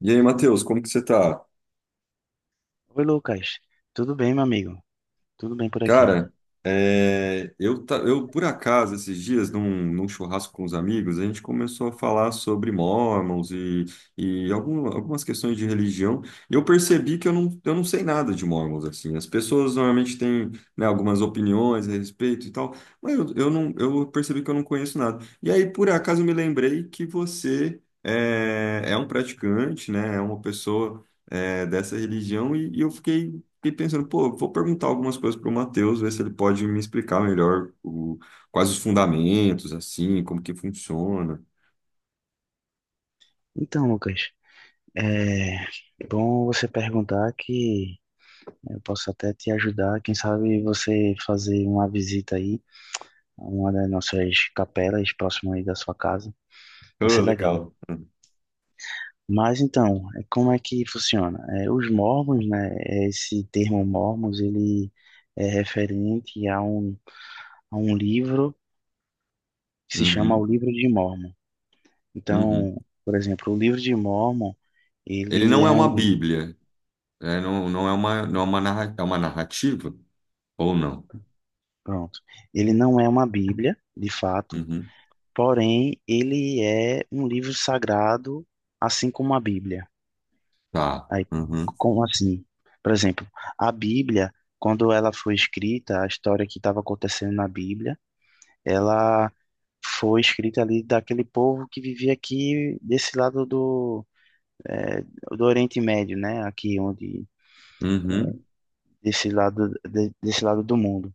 E aí, Matheus, como que você tá? Oi, Lucas. Tudo bem, meu amigo? Tudo bem por aqui. Cara, eu, por acaso, esses dias, num churrasco com os amigos, a gente começou a falar sobre Mormons e, e algumas questões de religião, e eu percebi que eu não sei nada de Mormons, assim. As pessoas normalmente têm, né, algumas opiniões a respeito e tal, mas eu não, eu percebi que eu não conheço nada. E aí, por acaso, eu me lembrei que é um praticante, né, é uma pessoa... é, dessa religião e eu fiquei pensando, pô, vou perguntar algumas coisas pro Matheus, ver se ele pode me explicar melhor o, quais os fundamentos, assim, como que funciona. Então, Lucas, é bom você perguntar que eu posso até te ajudar. Quem sabe você fazer uma visita aí a uma das nossas capelas próximo aí da sua casa. Vai Ah, ser legal. legal. Mas então, como é que funciona? Os mormons, né? Esse termo mormons, ele é referente a um livro que se chama o Uhum, Livro de Mormon. uhum. Então, por exemplo, o Livro de Mormon. Ele Ele não é é uma um, Bíblia, né? Não, é uma narrativa ou não? Pronto. Ele não é uma Bíblia, de fato, Uhum. porém ele é um livro sagrado, assim como a Bíblia. Tá. Aí, Uhum. como assim? Por exemplo, a Bíblia, quando ela foi escrita, a história que estava acontecendo na Bíblia, ela foi escrita ali daquele povo que vivia aqui desse lado eh, do Oriente Médio, né? Aqui onde Uhum. desse lado do mundo.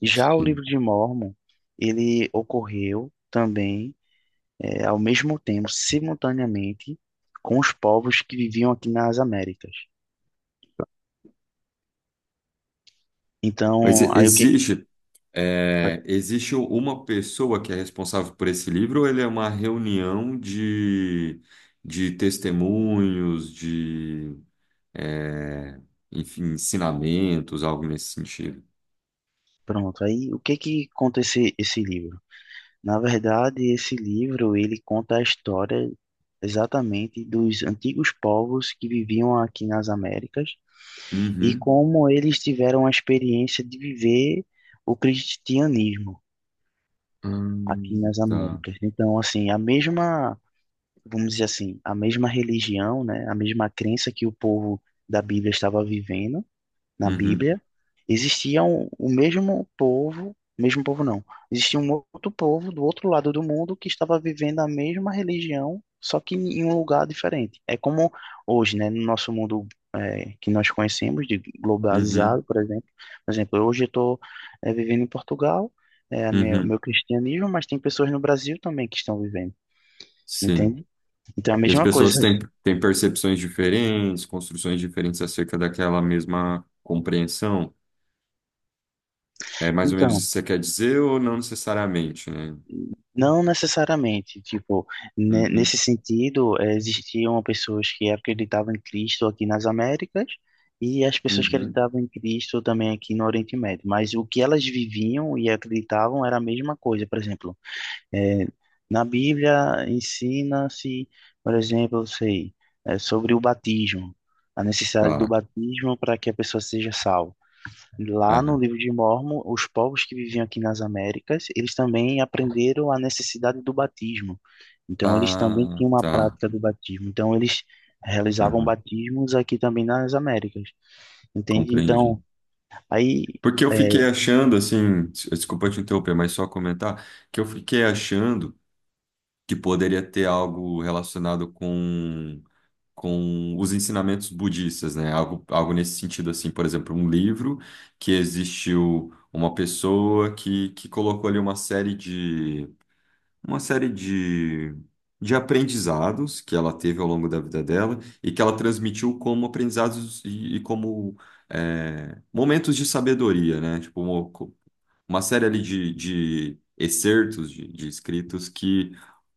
Já o livro Sim. de Mórmon, ele ocorreu também ao mesmo tempo, simultaneamente, com os povos que viviam aqui nas Américas. Mas Então, e- existe, é, existe uma pessoa que é responsável por esse livro ou ele é uma reunião de testemunhos, de é, enfim, ensinamentos, algo nesse sentido. Aí o que que conta esse livro? Na verdade, esse livro ele conta a história exatamente dos antigos povos que viviam aqui nas Américas e Uhum. como eles tiveram a experiência de viver o cristianismo aqui nas Tá. Américas. Então, assim, a mesma vamos dizer assim, a mesma religião, né, a mesma crença que o povo da Bíblia estava vivendo na Uhum. Bíblia, existia o mesmo povo não, existia um outro povo do outro lado do mundo que estava vivendo a mesma religião, só que em um lugar diferente. É como hoje, né, no nosso mundo que nós conhecemos, de Uhum. globalizado, por exemplo. Por exemplo, hoje eu estou vivendo em Portugal, o Uhum. meu cristianismo, mas tem pessoas no Brasil também que estão vivendo, Sim. entende? Então, é a E as mesma coisa. Têm percepções diferentes, construções diferentes acerca daquela mesma compreensão. É mais ou menos isso Então, que você quer dizer ou não necessariamente, né? não necessariamente, tipo, Uhum. nesse sentido, existiam pessoas que acreditavam em Cristo aqui nas Américas e as pessoas que Uhum. acreditavam em Cristo também aqui no Oriente Médio. Mas o que elas viviam e acreditavam era a mesma coisa. Por exemplo, eh, na Bíblia ensina-se, por exemplo, sei, sobre o batismo, a necessidade do Tá. batismo para que a pessoa seja salva. Lá no Aham. livro de Mórmon, os povos que viviam aqui nas Américas, eles também aprenderam a necessidade do batismo. Então, eles também Ah, tinham uma tá. prática do batismo. Então, eles realizavam Aham. batismos aqui também nas Américas, entende? Compreendi. Então, aí, Porque eu fiquei é, achando, assim, desculpa te interromper, mas só comentar, que eu fiquei achando que poderia ter algo relacionado com os ensinamentos budistas, né? Algo nesse sentido, assim, por exemplo, um livro que existiu uma pessoa que colocou ali uma série de aprendizados que ela teve ao longo da vida dela e que ela transmitiu como aprendizados e como é, momentos de sabedoria, né? Tipo, uma série ali de excertos de escritos que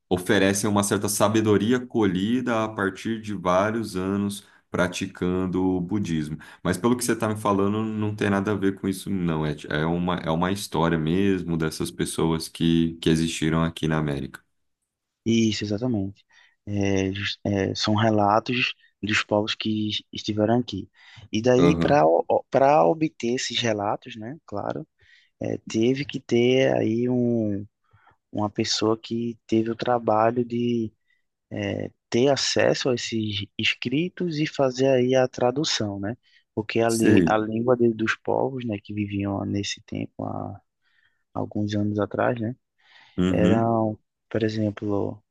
oferecem uma certa sabedoria colhida a partir de vários anos praticando o budismo. Mas pelo que você está me falando, não tem nada a ver com isso, não. É, é uma história mesmo dessas pessoas que existiram aqui na América. isso, exatamente. São relatos dos povos que estiveram aqui. E daí, para Aham. para obter esses relatos, né, claro, teve que ter aí uma pessoa que teve o trabalho de ter acesso a esses escritos e fazer aí a tradução, né? Porque a, lí- Sei. a língua dos povos, né, que viviam nesse tempo, há alguns anos atrás, né, Uhum. eram, por exemplo,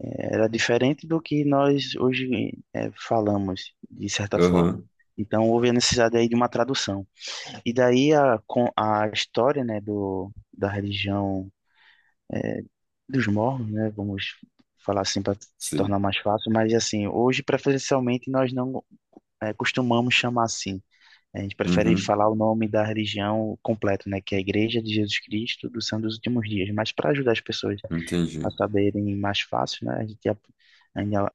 era diferente do que nós hoje falamos, de certa forma. Aham. Então, houve a necessidade aí de uma tradução. E daí com a história, né, da religião dos mormons, né? Vamos falar assim para se Sei. tornar mais fácil, mas assim, hoje preferencialmente nós não costumamos chamar assim. A gente prefere Uhum. falar o nome da religião completo, né? Que é a Igreja de Jesus Cristo dos Santos dos Últimos Dias. Mas para ajudar as pessoas a Entendi. saberem mais fácil, né? A gente ainda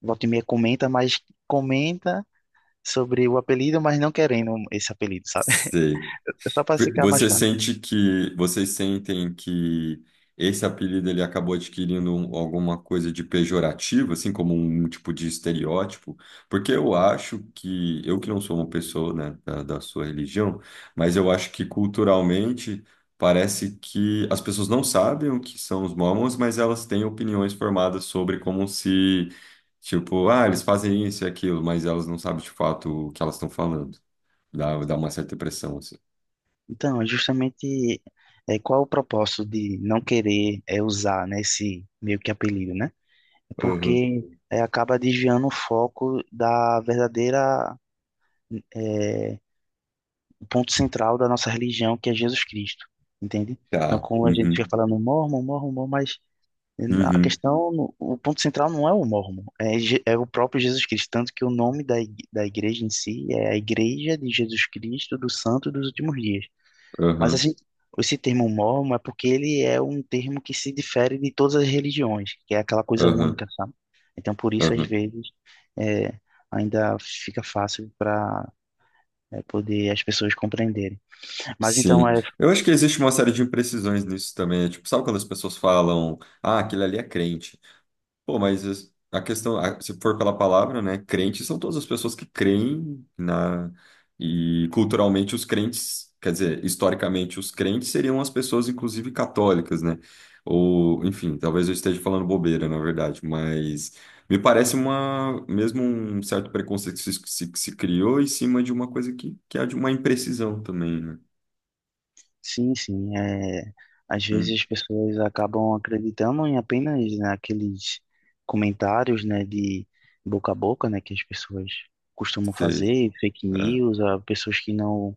volta e meia comenta sobre o apelido, mas não querendo esse apelido, sabe? Sei. Só para ficar mais. Você sente que vocês sentem que esse apelido ele acabou adquirindo alguma coisa de pejorativo, assim como um tipo de estereótipo? Porque eu acho que eu que não sou uma pessoa, né, da sua religião, mas eu acho que culturalmente parece que as pessoas não sabem o que são os mormons, mas elas têm opiniões formadas sobre como se, tipo, ah, eles fazem isso e aquilo, mas elas não sabem de fato o que elas estão falando. Dá uma certa impressão assim. Então, é justamente, qual o propósito de não querer, usar, né, esse meio que apelido, né? Porque, acaba desviando o foco da é, o ponto central da nossa religião, que é Jesus Cristo, entende? Então, Tá. como a gente fica Uhum. falando mormon, mormon, mormon, mas, a Uhum. questão, o ponto central não é o mormon, é o próprio Jesus Cristo, tanto que o nome da igreja em si é a Igreja de Jesus Cristo dos Santos dos Últimos Dias. Mas Aham. assim, esse termo mormon é porque ele é um termo que se difere de todas as religiões, que é aquela coisa Aham. única, sabe? Então, por isso, às Aham. vezes, é, ainda fica fácil para poder as pessoas compreenderem. Mas então, Sim. é, Eu acho que existe uma série de imprecisões nisso também. É tipo, sabe quando as pessoas falam, ah, aquele ali é crente? Pô, mas se for pela palavra, né, crentes são todas as pessoas que creem na e culturalmente os crentes, quer dizer, historicamente os crentes seriam as pessoas inclusive católicas, né? Ou, enfim, talvez eu esteja falando bobeira, na verdade, mas me parece uma mesmo um certo preconceito que se criou em cima de uma coisa que é de uma imprecisão também, né? sim, sim, às Hum, vezes as pessoas acabam acreditando em apenas, né, aqueles comentários, né, de boca a boca, né, que as pessoas costumam sei. fazer, fake É. news, ah, pessoas que não.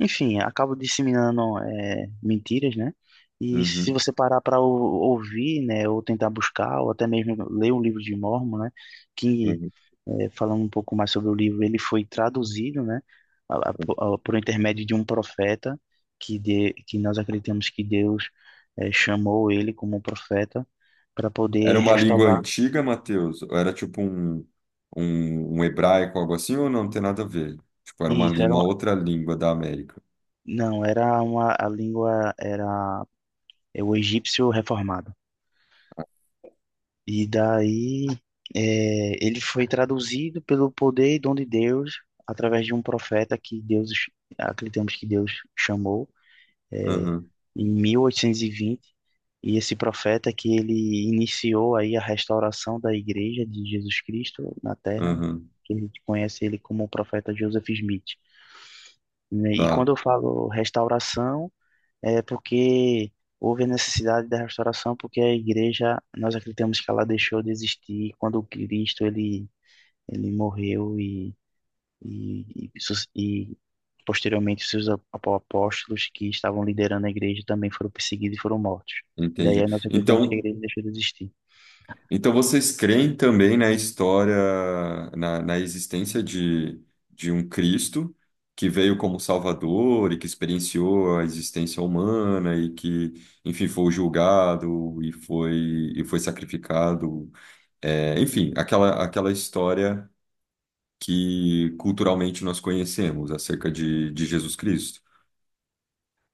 Enfim, acabam disseminando, mentiras, né? E se Uhum. você parar para ouvir, né, ou tentar buscar, ou até mesmo ler um livro de Mormon, né, que, Uhum. Falando um pouco mais sobre o livro, ele foi traduzido, né, por intermédio de um profeta, que nós acreditamos que Deus, chamou ele como profeta para Era poder uma língua restaurar. antiga, Matheus? Ou era tipo um hebraico, algo assim, ou não tem nada a ver? Tipo, era E uma, isso lí- era, uma outra língua da América. não, era uma, a língua era o egípcio reformado. E daí, ele foi traduzido pelo poder e dom de Deus através de um profeta que Deus, acreditamos que Deus chamou, é, Aham, em 1820. E vinte. E esse profeta que ele iniciou aí a restauração da igreja de Jesus Cristo na Terra, aham, que a gente conhece ele como o profeta Joseph Smith. Né? E tá, quando eu falo restauração, é porque houve a necessidade da restauração, porque a igreja, nós acreditamos que ela deixou de existir quando o Cristo ele morreu e, e posteriormente os seus apóstolos que estavam liderando a igreja também foram perseguidos e foram mortos. E entendi. daí nós acreditamos que a Então, igreja deixou de existir. então vocês creem também na história, na existência de um Cristo que veio como Salvador e que experienciou a existência humana e que, enfim, foi julgado e e foi sacrificado. É, enfim, aquela história que culturalmente nós conhecemos acerca de Jesus Cristo.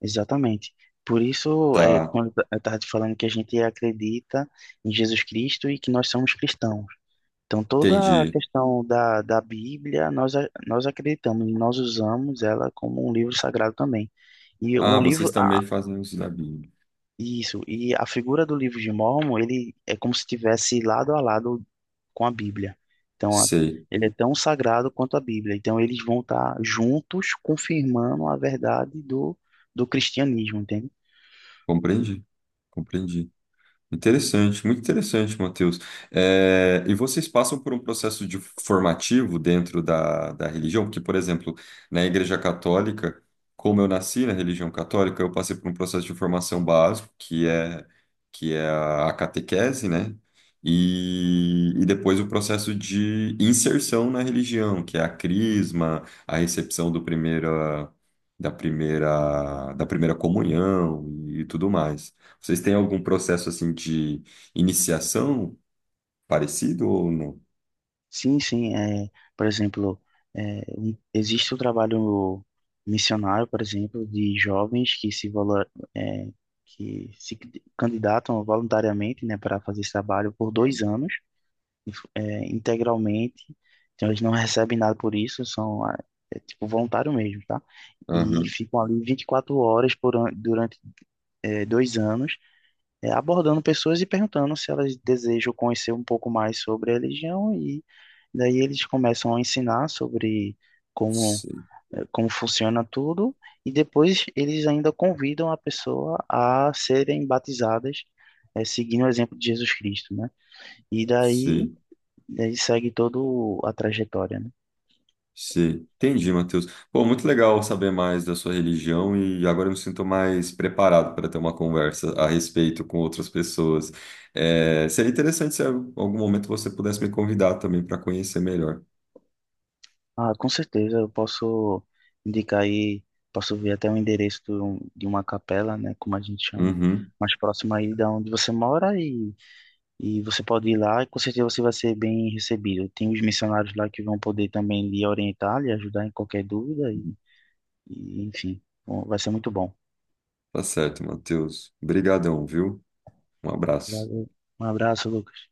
Exatamente. Por isso, Tá, quando eu estava te falando que a gente acredita em Jesus Cristo e que nós somos cristãos. Então, toda a entendi. questão da Bíblia, nós acreditamos, nós usamos ela como um livro sagrado também. E Ah, vocês também fazem isso da Bíblia. isso, e a figura do livro de Mórmon, ele é como se estivesse lado a lado com a Bíblia. Então, Sei, ele é tão sagrado quanto a Bíblia. Então, eles vão estar juntos confirmando a verdade do cristianismo, entende? compreendi, compreendi. Interessante, muito interessante, Matheus. Eh, e vocês passam por um processo de formativo dentro da religião? Porque, por exemplo, na Igreja Católica, como eu nasci na religião católica, eu passei por um processo de formação básico, que é a catequese, né? E depois o processo de inserção na religião, que é a crisma, a recepção do primeira, da primeira, da primeira comunhão e tudo mais. Vocês têm algum processo assim de iniciação parecido ou não? Sim, sim. Por exemplo, existe o trabalho missionário, por exemplo, de jovens que se é, que se candidatam voluntariamente, né, para fazer esse trabalho por 2 anos, integralmente. Então eles não recebem nada por isso, são, ah, tipo voluntário mesmo, tá? E Aham. ficam ali 24 horas durante, 2 anos, abordando pessoas e perguntando se elas desejam conhecer um pouco mais sobre a religião e daí eles começam a ensinar sobre como Sei, como funciona tudo e depois eles ainda convidam a pessoa a serem batizadas, seguindo o exemplo de Jesus Cristo, né? E daí sei, ele segue todo a trajetória, né? sei. Entendi, Matheus. Pô, muito legal saber mais da sua religião e agora eu me sinto mais preparado para ter uma conversa a respeito com outras pessoas. É, seria interessante se em algum momento você pudesse me convidar também para conhecer melhor. Ah, com certeza eu posso indicar aí, posso ver até o endereço de uma capela, né, como a gente chama, Uhum, mais próxima aí da onde você mora. E você pode ir lá e com certeza você vai ser bem recebido. Tem os missionários lá que vão poder também lhe orientar, lhe ajudar em qualquer dúvida e enfim, bom, vai ser muito bom. tá certo, Matheus. Obrigadão, viu? Um abraço. Valeu. Um abraço, Lucas.